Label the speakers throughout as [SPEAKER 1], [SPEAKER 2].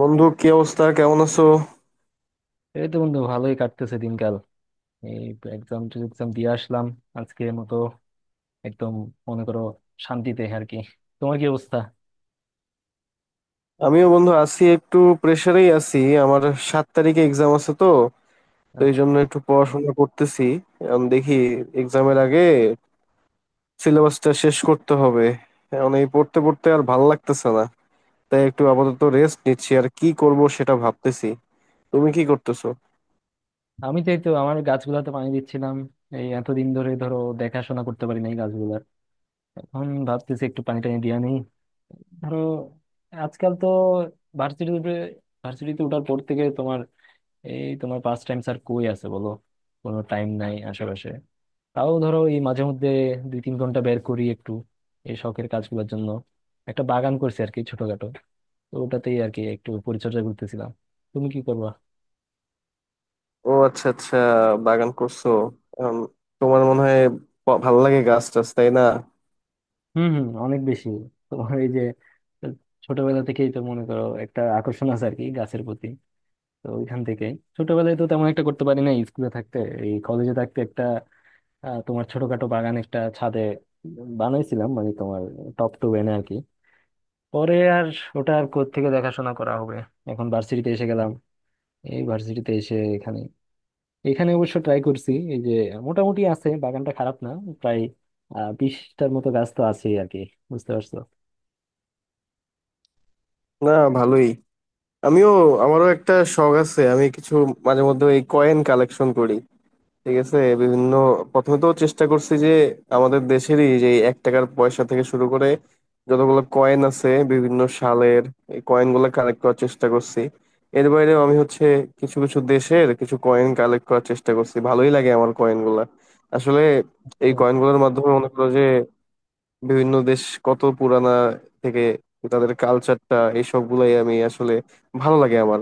[SPEAKER 1] বন্ধু, কি অবস্থা? কেমন আছো?
[SPEAKER 2] এই তো বন্ধু ভালোই কাটতেছে দিনকাল। এই এক্সাম এক্সাম দিয়ে আসলাম আজকের মতো। একদম মনে করো শান্তিতে আর কি। তোমার কি অবস্থা?
[SPEAKER 1] আমিও বন্ধু আছি, একটু প্রেসারেই আছি। আমার 7 তারিখে এক্সাম আছে তো তো এই
[SPEAKER 2] আচ্ছা,
[SPEAKER 1] জন্য একটু পড়াশোনা করতেছি। এখন দেখি এক্সামের আগে সিলেবাসটা শেষ করতে হবে। এখন এই পড়তে পড়তে আর ভাল লাগতেছে না, তাই একটু আপাতত রেস্ট নিচ্ছি। আর কি করব সেটা ভাবতেছি। তুমি কি করতেছো?
[SPEAKER 2] আমি তো এই তো আমার গাছগুলাতে পানি দিচ্ছিলাম। এতদিন ধরে ধরো দেখাশোনা করতে পারি নাই গাছগুলার। এখন ভাবতেছি একটু পানি টানি দিয়া নেই। ধরো আজকাল তো ভার্সিটিতে ভার্সিটিতে ওঠার পর থেকে তোমার এই তোমার পাস টাইম স্যার কই আছে বলো? কোনো টাইম নাই আশেপাশে। তাও ধরো এই মাঝে মধ্যে 2-3 ঘন্টা বের করি একটু এই শখের কাজগুলোর জন্য। একটা বাগান করছি আর কি ছোটখাটো। তো ওটাতেই আর কি একটু পরিচর্যা করতেছিলাম। তুমি কি করবা?
[SPEAKER 1] ও আচ্ছা, আচ্ছা। বাগান করছো এখন। তোমার মনে হয় ভাল লাগে গাছ টাছ, তাই না?
[SPEAKER 2] হুম হুম, অনেক বেশি। তোমার এই যে ছোটবেলা থেকেই তো মনে করো একটা আকর্ষণ আছে আর কি গাছের প্রতি। তো ওইখান থেকেই ছোটবেলায় তো তেমন একটা করতে পারি না স্কুলে থাকতে। এই কলেজে থাকতে একটা তোমার ছোটখাটো বাগান একটা ছাদে বানাইছিলাম, মানে তোমার টপ টু এনে আর কি। পরে আর ওটা আর কোত্থেকে দেখাশোনা করা হবে? এখন ভার্সিটিতে এসে গেলাম। এই ভার্সিটিতে এসে এখানে এখানে অবশ্য ট্রাই করছি, এই যে মোটামুটি আছে, বাগানটা খারাপ না। প্রায় 20টার মতো গাছ তো আছেই আর কি। বুঝতে পারছো
[SPEAKER 1] না, ভালোই। আমিও, আমারও একটা শখ আছে। আমি কিছু মাঝে মধ্যে এই কয়েন কালেকশন করি, ঠিক আছে? বিভিন্ন, প্রথমে তো চেষ্টা করছি যে আমাদের দেশেরই যে এই 1 টাকার পয়সা থেকে শুরু করে যতগুলো কয়েন আছে বিভিন্ন সালের এই কয়েন গুলো কালেক্ট করার চেষ্টা করছি। এর বাইরেও আমি হচ্ছে কিছু কিছু দেশের কিছু কয়েন কালেক্ট করার চেষ্টা করছি। ভালোই লাগে আমার কয়েন গুলা আসলে। এই
[SPEAKER 2] তো?
[SPEAKER 1] কয়েন গুলোর মাধ্যমে মনে করো যে বিভিন্ন দেশ কত পুরানা থেকে, তাদের কালচারটা এইসব গুলাই আমি আসলে ভালো লাগে আমার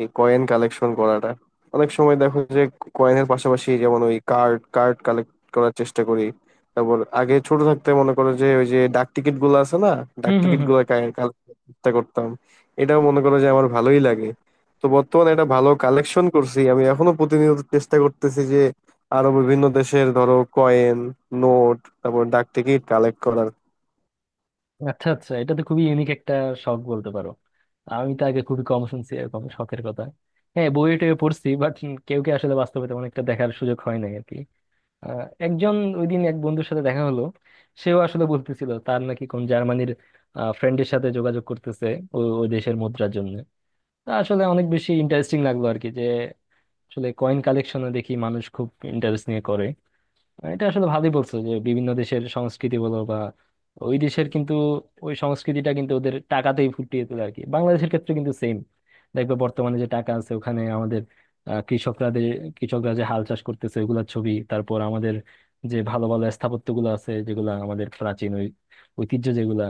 [SPEAKER 1] এই কয়েন কালেকশন করাটা। অনেক সময় দেখো যে কয়েনের পাশাপাশি যেমন ওই কার্ড কার্ড কালেক্ট করার চেষ্টা করি। তারপর আগে ছোট থাকতে মনে করো যে ওই যে ডাক টিকিট গুলো আছে না, ডাক
[SPEAKER 2] হুম হুম
[SPEAKER 1] টিকিট
[SPEAKER 2] হুম।
[SPEAKER 1] গুলো কালেক্ট চেষ্টা করতাম। এটাও মনে করো যে আমার ভালোই লাগে। তো বর্তমানে এটা ভালো কালেকশন করছি। আমি এখনো প্রতিনিয়ত চেষ্টা করতেছি যে আরো বিভিন্ন দেশের ধরো কয়েন, নোট, তারপর ডাক টিকিট কালেক্ট করার।
[SPEAKER 2] আচ্ছা আচ্ছা, এটা তো খুবই ইউনিক একটা শখ বলতে পারো। আমি তো আগে খুবই কম শুনছি এরকম শখের কথা। হ্যাঁ, বইয়ে টয়ে পড়ছি বাট কেউ কে আসলে বাস্তবে তেমন একটা দেখার সুযোগ হয় নাই আর কি। একজন ওই দিন এক বন্ধুর সাথে দেখা হলো। সেও আসলে বলতেছিল তার নাকি কোন জার্মানির ফ্রেন্ডের সাথে যোগাযোগ করতেছে ওই ওই দেশের মুদ্রার জন্য। তা আসলে অনেক বেশি ইন্টারেস্টিং লাগলো আর কি, যে আসলে কয়েন কালেকশনে দেখি মানুষ খুব ইন্টারেস্ট নিয়ে করে। মানে এটা আসলে ভালোই বলছো যে বিভিন্ন দেশের সংস্কৃতি বলো বা ওই দেশের কিন্তু ওই সংস্কৃতিটা কিন্তু ওদের টাকাতেই ফুটিয়ে তোলে আর কি। বাংলাদেশের ক্ষেত্রে কিন্তু সেম, দেখবে বর্তমানে যে টাকা আছে ওখানে আমাদের আহ, কৃষকরা দে- কৃষকরা যে হাল চাষ করতেছে ওইগুলোর ছবি, তারপর আমাদের যে ভালো ভালো স্থাপত্যগুলো আছে যেগুলা আমাদের প্রাচীন ওই ঐতিহ্য, যেগুলা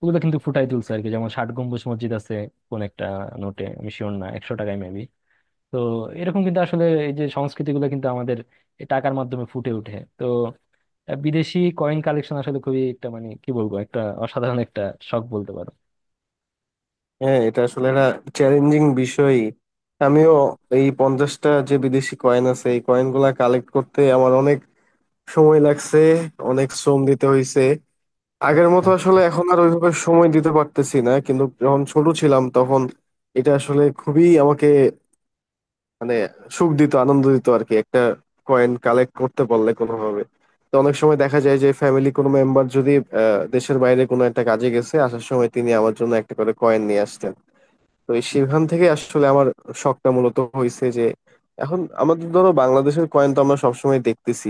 [SPEAKER 2] ওগুলো কিন্তু ফুটাই তুলছে আর কি। যেমন ষাট গম্বুজ মসজিদ আছে কোন একটা নোটে, আমি শিওর না, 100 টাকায় মেবি। তো এরকম কিন্তু আসলে এই যে সংস্কৃতিগুলো কিন্তু আমাদের এই টাকার মাধ্যমে ফুটে ওঠে তো। বিদেশি কয়েন কালেকশন আসলে খুবই একটা, মানে কি বলবো, একটা অসাধারণ একটা শখ বলতে পারো।
[SPEAKER 1] হ্যাঁ, এটা আসলে একটা চ্যালেঞ্জিং বিষয়। আমিও এই 50টা যে বিদেশি কয়েন আছে এই কয়েন গুলা কালেক্ট করতে আমার অনেক সময় লাগছে, অনেক শ্রম দিতে হয়েছে। আগের
[SPEAKER 2] আচ্ছা।
[SPEAKER 1] মতো আসলে এখন আর ওইভাবে সময় দিতে পারতেছি না, কিন্তু যখন ছোট ছিলাম তখন এটা আসলে খুবই আমাকে, মানে, সুখ দিত, আনন্দ দিত আর কি একটা কয়েন কালেক্ট করতে পারলে কোনোভাবে। তো অনেক সময় দেখা যায় যে ফ্যামিলি কোনো মেম্বার যদি দেশের বাইরে কোনো একটা কাজে গেছে, আসার সময় তিনি আমার জন্য একটা করে কয়েন নিয়ে আসতেন। তো এই সেখান থেকে আসলে আমার শখটা মূলত হয়েছে যে এখন আমাদের ধরো বাংলাদেশের কয়েন তো আমরা সবসময় দেখতেছি,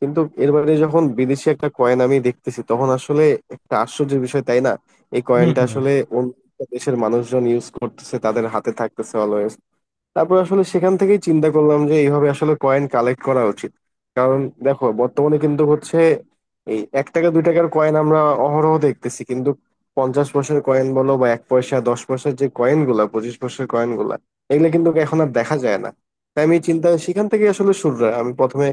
[SPEAKER 1] কিন্তু এর বাইরে যখন বিদেশি একটা কয়েন আমি দেখতেছি তখন আসলে একটা আশ্চর্যের বিষয়, তাই না? এই
[SPEAKER 2] হম
[SPEAKER 1] কয়েনটা
[SPEAKER 2] হম।
[SPEAKER 1] আসলে অন্য একটা দেশের মানুষজন ইউজ করতেছে, তাদের হাতে থাকতেছে অলওয়েজ। তারপর আসলে সেখান থেকেই চিন্তা করলাম যে এইভাবে আসলে কয়েন কালেক্ট করা উচিত। কারণ দেখো বর্তমানে কিন্তু হচ্ছে এই 1 টাকা 2 টাকার কয়েন আমরা অহরহ দেখতেছি, কিন্তু 50 পয়সার কয়েন বলো বা 1 পয়সা 10 পয়সার যে কয়েন গুলা, 25 পয়সার কয়েন গুলা, এগুলো কিন্তু এখন আর দেখা যায় না। তাই আমি চিন্তা সেখান থেকে আসলে শুরু হয়। আমি প্রথমে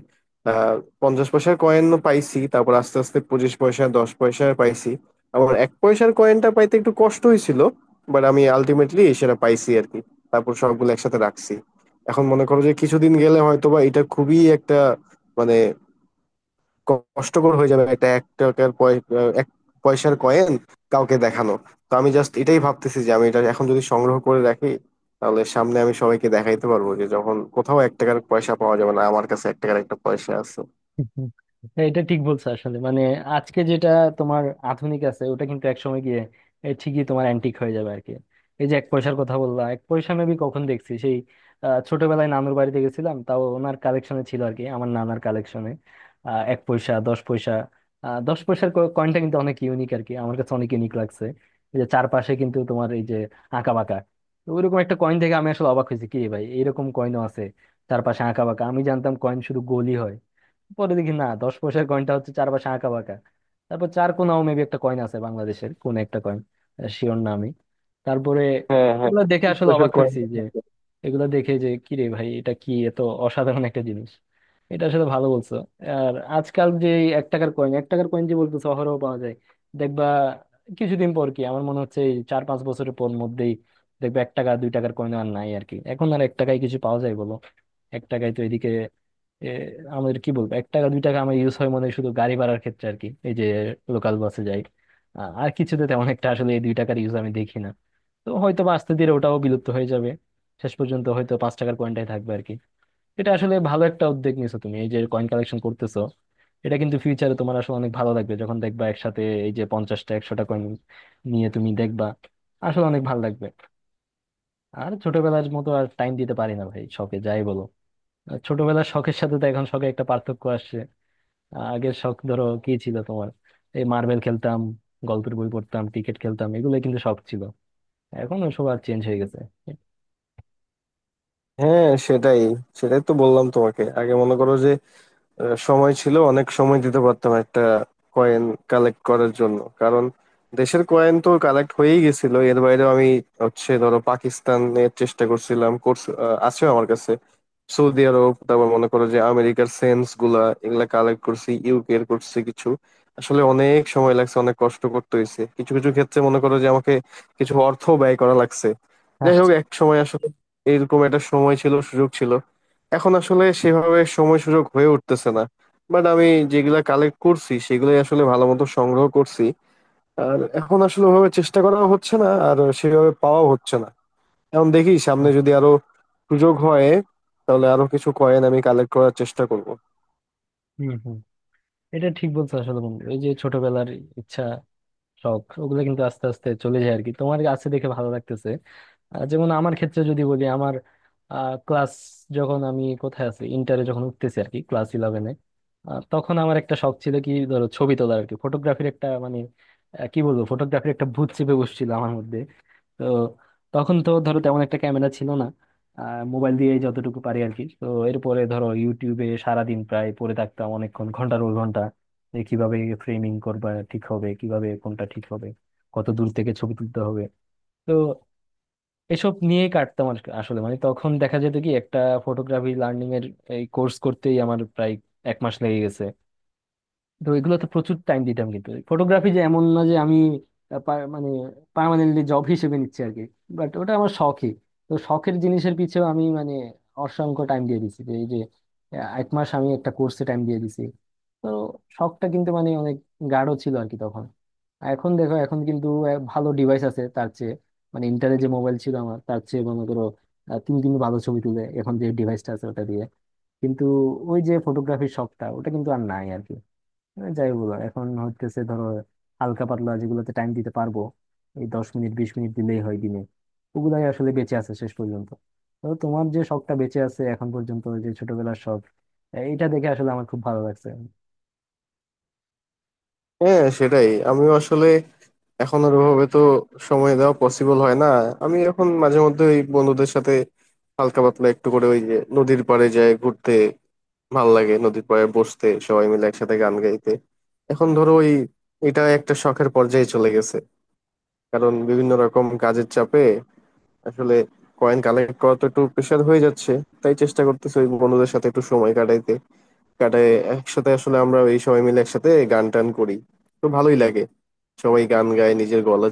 [SPEAKER 1] আহ 50 পয়সার কয়েন পাইছি, তারপর আস্তে আস্তে 25 পয়সা 10 পয়সা পাইছি। আবার 1 পয়সার কয়েনটা পাইতে একটু কষ্ট হয়েছিল, বাট আমি আলটিমেটলি সেটা পাইছি আর কি। তারপর সবগুলো একসাথে রাখছি। এখন মনে করো যে কিছুদিন গেলে হয়তো বা এটা খুবই একটা, মানে, কষ্টকর হয়ে যাবে একটা 1 টাকার এক পয়সার কয়েন কাউকে দেখানো। তো আমি জাস্ট এটাই ভাবতেছি যে আমি এটা এখন যদি সংগ্রহ করে রাখি, তাহলে সামনে আমি সবাইকে দেখাইতে পারবো যে যখন কোথাও 1 টাকার পয়সা পাওয়া যাবে না, আমার কাছে 1 টাকার একটা পয়সা আছে।
[SPEAKER 2] হ্যাঁ, এটা ঠিক বলছো আসলে, মানে আজকে যেটা তোমার আধুনিক আছে ওটা কিন্তু একসময় গিয়ে ঠিকই তোমার অ্যান্টিক হয়ে যাবে আর কি। এই যে 1 পয়সার কথা বললাম, 1 পয়সা আমি কখন দেখছি সেই ছোটবেলায় নানুর বাড়িতে গেছিলাম, তাও ওনার কালেকশনে ছিল আর কি, আমার নানার কালেকশনে। এক পয়সা, দশ পয়সা। 10 পয়সার কয়েনটা কিন্তু অনেক ইউনিক আর কি, আমার কাছে অনেক ইউনিক লাগছে। এই যে চারপাশে কিন্তু তোমার এই যে আঁকা বাঁকা। তো ওইরকম একটা কয়েন থেকে আমি আসলে অবাক হয়েছি, কি রে ভাই এরকম কয়েনও আছে চারপাশে আঁকা বাঁকা। আমি জানতাম কয়েন শুধু গোলই হয়। পরে দেখি না, 10 পয়সার কয়েনটা হচ্ছে চার পাশে আঁকা বাঁকা। তারপর চার কোনাও মেবি একটা কয়েন আছে বাংলাদেশের, কোন একটা কয়েন, শিওর না আমি। তারপরে
[SPEAKER 1] হ্যাঁ, হ্যাঁ,
[SPEAKER 2] এগুলো দেখে
[SPEAKER 1] এক
[SPEAKER 2] আসলে
[SPEAKER 1] পয়সার
[SPEAKER 2] অবাক
[SPEAKER 1] কয়েন।
[SPEAKER 2] হয়েছি, এগুলো দেখে যে কি রে ভাই এটা কি এত অসাধারণ একটা জিনিস। এটা আসলে ভালো বলছো। আর আজকাল যে এই এক টাকার কয়েন যে বলতো শহরেও পাওয়া যায়, দেখবা কিছুদিন পর, কি আমার মনে হচ্ছে এই 4-5 বছরের পর মধ্যেই দেখবে 1 টাকা 2 টাকার কয়েন আর নাই আর কি। এখন আর 1 টাকায় কিছু পাওয়া যায় বলো? 1 টাকায় তো এদিকে এ, আমাদের কি বলবো, 1 টাকা 2 টাকা আমার ইউজ হয় মনে হয় শুধু গাড়ি ভাড়ার ক্ষেত্রে আর কি, এই যে লোকাল বাসে যাই। আর কিছুতে তেমন একটা আসলে এই 2 টাকার ইউজ আমি দেখি না। তো হয়তো বা আস্তে ধীরে ওটাও বিলুপ্ত হয়ে যাবে, শেষ পর্যন্ত হয়তো 5 টাকার কয়েনটাই থাকবে আর কি। এটা আসলে ভালো একটা উদ্যোগ নিছো তুমি, এই যে কয়েন কালেকশন করতেছো। এটা কিন্তু ফিউচারে তোমার আসলে অনেক ভালো লাগবে যখন দেখবা একসাথে এই যে 50টা 100টা কয়েন নিয়ে তুমি দেখবা, আসলে অনেক ভালো লাগবে। আর ছোটবেলার মতো আর টাইম দিতে পারি না ভাই শখে, যাই বলো। আর ছোটবেলার শখের সাথে তো এখন শখে একটা পার্থক্য আসছে। আগের শখ ধরো কি ছিল তোমার? এই মার্বেল খেলতাম, গল্পের বই পড়তাম, ক্রিকেট খেলতাম, এগুলো কিন্তু শখ ছিল। এখন ওসব আর চেঞ্জ হয়ে গেছে।
[SPEAKER 1] হ্যাঁ, সেটাই সেটাই তো বললাম তোমাকে। আগে মনে করো যে সময় ছিল, অনেক সময় দিতে পারতাম একটা কয়েন কালেক্ট করার জন্য। কারণ দেশের কয়েন তো কালেক্ট হয়েই গেছিল, এর বাইরে আমি হচ্ছে ধরো পাকিস্তানের চেষ্টা করছিলাম, কোর্স আছে আমার কাছে। সৌদি আরব, তারপর মনে করো যে আমেরিকার সেন্টস গুলা এগুলা কালেক্ট করছি, ইউকে এর করছি কিছু। আসলে অনেক সময় লাগছে, অনেক কষ্ট করতে হয়েছে। কিছু কিছু ক্ষেত্রে মনে করো যে আমাকে কিছু অর্থ ব্যয় করা লাগছে। যাই হোক,
[SPEAKER 2] আচ্ছা।
[SPEAKER 1] এক সময় আসলে এরকম একটা সময় ছিল, সুযোগ ছিল। এখন আসলে সেভাবে সময় সুযোগ হয়ে উঠতেছে না। বাট আমি যেগুলা কালেক্ট করছি সেগুলাই আসলে ভালো মতো সংগ্রহ করছি। আর এখন আসলে ওভাবে চেষ্টা করা হচ্ছে না, আর সেভাবে পাওয়া হচ্ছে না। এখন দেখি সামনে যদি আরো সুযোগ হয়, তাহলে আরো কিছু কয়েন আমি কালেক্ট করার চেষ্টা করব।
[SPEAKER 2] হুম হুম। এটা ঠিক বলছো আসলে বন্ধু, এই যে ছোটবেলার ইচ্ছা শখ ওগুলো কিন্তু আস্তে আস্তে চলে যায় আর কি। তোমার আছে দেখে ভালো লাগতেছে। যেমন আমার ক্ষেত্রে যদি বলি, আমার ক্লাস যখন আমি কোথায় আছি ইন্টারে যখন উঠতেছি আর কি, ক্লাস ইলেভেনে, তখন আমার একটা শখ ছিল কি ধরো ছবি তোলার আর কি, ফটোগ্রাফির একটা, মানে কি বলবো, ফটোগ্রাফির একটা ভূত চেপে বসছিল আমার মধ্যে। তো তখন তো ধরো তেমন একটা ক্যামেরা ছিল না, মোবাইল দিয়ে যতটুকু পারি আর কি। তো এরপরে ধরো ইউটিউবে সারাদিন প্রায় পড়ে থাকতাম অনেকক্ষণ, ঘন্টার পর ঘন্টা, যে কিভাবে ফ্রেমিং করবা ঠিক হবে, কিভাবে কোনটা ঠিক হবে, কত দূর থেকে ছবি তুলতে হবে। তো এসব নিয়েই কাটতাম আর কি। আসলে মানে তখন দেখা যেত কি একটা ফটোগ্রাফি লার্নিং এর এই কোর্স করতেই আমার প্রায় 1 মাস লেগে গেছে। তো এগুলোতে প্রচুর টাইম দিতাম, কিন্তু ফটোগ্রাফি যে এমন না যে আমি আহ, পা- মানে পার্মানেন্টলি জব হিসেবে নিচ্ছি আর কি, বাট ওটা আমার শখই। তো শখের জিনিসের পিছেও আমি, মানে অসংখ্য টাইম দিয়ে দিছি, যে এই যে 1 মাস আমি একটা কোর্সে টাইম দিয়ে দিছি। তো শখটা কিন্তু মানে অনেক গাঢ় ছিল আর কি তখন। আর এখন দেখো, এখন কিন্তু ভালো ডিভাইস আছে তার চেয়ে, মানে ইন্টারে যে মোবাইল ছিল আমার তার চেয়ে মনে করো 3 দিন ভালো ছবি তুলে এখন যে ডিভাইসটা আছে ওটা দিয়ে, কিন্তু ওই যে ফটোগ্রাফির শখটা ওটা কিন্তু আর নাই আর কি। হ্যাঁ, যাই বলো এখন হচ্ছে ধরো হালকা পাতলা যেগুলোতে টাইম দিতে পারবো, এই 10 মিনিট 20 মিনিট দিলেই হয় দিনে, ওগুলাই আসলে বেঁচে আছে শেষ পর্যন্ত। তো তোমার যে শখটা বেঁচে আছে এখন পর্যন্ত, যে ছোটবেলার শখ, এটা দেখে আসলে আমার খুব ভালো লাগছে।
[SPEAKER 1] হ্যাঁ, সেটাই। আমিও আসলে এখন আর ওভাবে তো সময় দেওয়া পসিবল হয় না। আমি এখন মাঝে মধ্যে ওই বন্ধুদের সাথে হালকা পাতলা একটু করে ওই যে নদীর পাড়ে যাই ঘুরতে। ভাল লাগে নদীর পাড়ে বসতে, সবাই মিলে একসাথে গান গাইতে। এখন ধরো ওই এটা একটা শখের পর্যায়ে চলে গেছে, কারণ বিভিন্ন রকম কাজের চাপে আসলে কয়েন কালেক্ট করা তো একটু প্রেশার হয়ে যাচ্ছে। তাই চেষ্টা করতেছি ওই বন্ধুদের সাথে একটু সময় কাটাইতে। কাটায় একসাথে আসলে আমরা এই সবাই মিলে একসাথে গান টান করি, তো ভালোই লাগে। সবাই গান গায় নিজের গলা,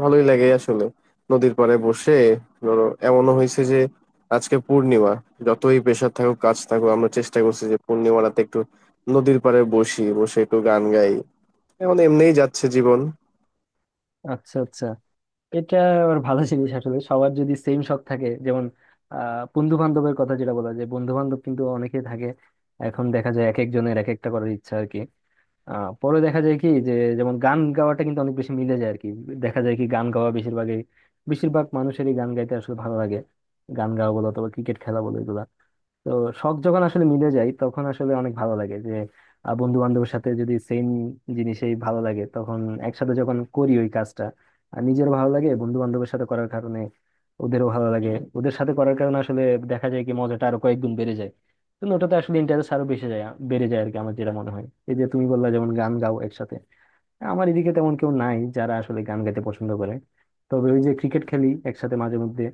[SPEAKER 1] ভালোই লাগে আসলে নদীর পাড়ে বসে। ধরো এমনও হয়েছে যে আজকে পূর্ণিমা, যতই প্রেশার থাকুক কাজ থাকুক আমরা চেষ্টা করছি যে পূর্ণিমা রাতে একটু নদীর পাড়ে বসি, বসে একটু গান গাই। এখন এমনিই যাচ্ছে জীবন।
[SPEAKER 2] আচ্ছা আচ্ছা। এটা আবার ভালো জিনিস আসলে, সবার যদি সেম শখ থাকে, যেমন বন্ধু বান্ধবের কথা যেটা বলা যায়, বন্ধু বান্ধব কিন্তু অনেকেই থাকে, এখন দেখা যায় এক একজনের এক একটা করার ইচ্ছা আর কি। পরে দেখা যায় কি, যে যেমন গান গাওয়াটা কিন্তু অনেক বেশি মিলে যায় আর কি। দেখা যায় কি গান গাওয়া বেশিরভাগই, বেশিরভাগ মানুষেরই গান গাইতে আসলে ভালো লাগে। গান গাওয়া বলো অথবা ক্রিকেট খেলা বলো, এগুলা। তো শখ যখন আসলে মিলে যায় তখন আসলে অনেক ভালো লাগে, যে বন্ধু বান্ধবের সাথে যদি সেম জিনিসেই ভালো লাগে তখন, একসাথে যখন করি ওই কাজটা, আর নিজেরও ভালো লাগে বন্ধু বান্ধবের সাথে করার কারণে। ওদেরও ভালো লাগে ওদের সাথে করার কারণে, আসলে দেখা যায় কি মজাটা আরো কয়েক গুণ বেড়ে যায়। তো ওটাতে আসলে ইন্টারেস্ট আরো বেশি যায়, বেড়ে যায় আর কি, আমার যেটা মনে হয়। এই যে তুমি বললা যেমন গান গাও একসাথে, আমার এদিকে তেমন কেউ নাই যারা আসলে গান গাইতে পছন্দ করে। তবে ওই যে ক্রিকেট খেলি একসাথে মাঝে মধ্যে,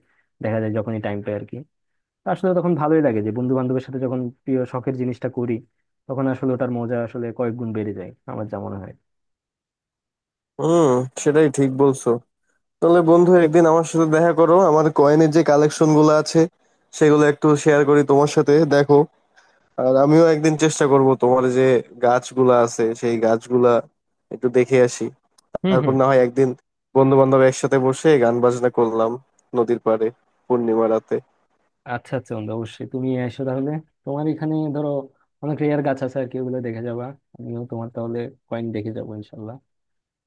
[SPEAKER 2] দেখা যায় যখনই টাইম পাই আর কি। তো আসলে তখন ভালোই লাগে যে বন্ধু বান্ধবের সাথে যখন প্রিয় শখের জিনিসটা করি, তখন আসলে ওটার মজা আসলে কয়েক গুণ বেড়ে যায়, আমার যা মনে হয়।
[SPEAKER 1] হুম, সেটাই, ঠিক বলছো। তাহলে বন্ধু, একদিন আমার সাথে দেখা করো। আমার কয়েনের যে কালেকশন গুলো আছে সেগুলো একটু শেয়ার করি তোমার সাথে, দেখো। আর আমিও একদিন চেষ্টা করব তোমার যে গাছগুলা আছে সেই গাছগুলা একটু দেখে আসি।
[SPEAKER 2] হুম
[SPEAKER 1] তারপর
[SPEAKER 2] হুম।
[SPEAKER 1] না হয় একদিন বন্ধু বান্ধব একসাথে বসে গান বাজনা করলাম নদীর পাড়ে, পূর্ণিমা রাতে।
[SPEAKER 2] আচ্ছা আচ্ছা, বন্ধু অবশ্যই তুমি এসো তাহলে। তোমার এখানে ধরো অনেক রেয়ার গাছ আছে আর কি, ওগুলো দেখে যাবা। আমিও তোমার তাহলে কয়েন দেখে যাবো, ইনশাল্লাহ।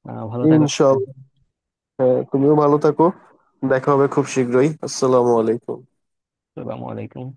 [SPEAKER 2] ভালো থাকো তাহলে।
[SPEAKER 1] ইনশাল্লাহ। হ্যাঁ, তুমিও ভালো থাকো। দেখা হবে খুব শীঘ্রই। আসসালামু আলাইকুম।
[SPEAKER 2] আসসালামু আলাইকুম।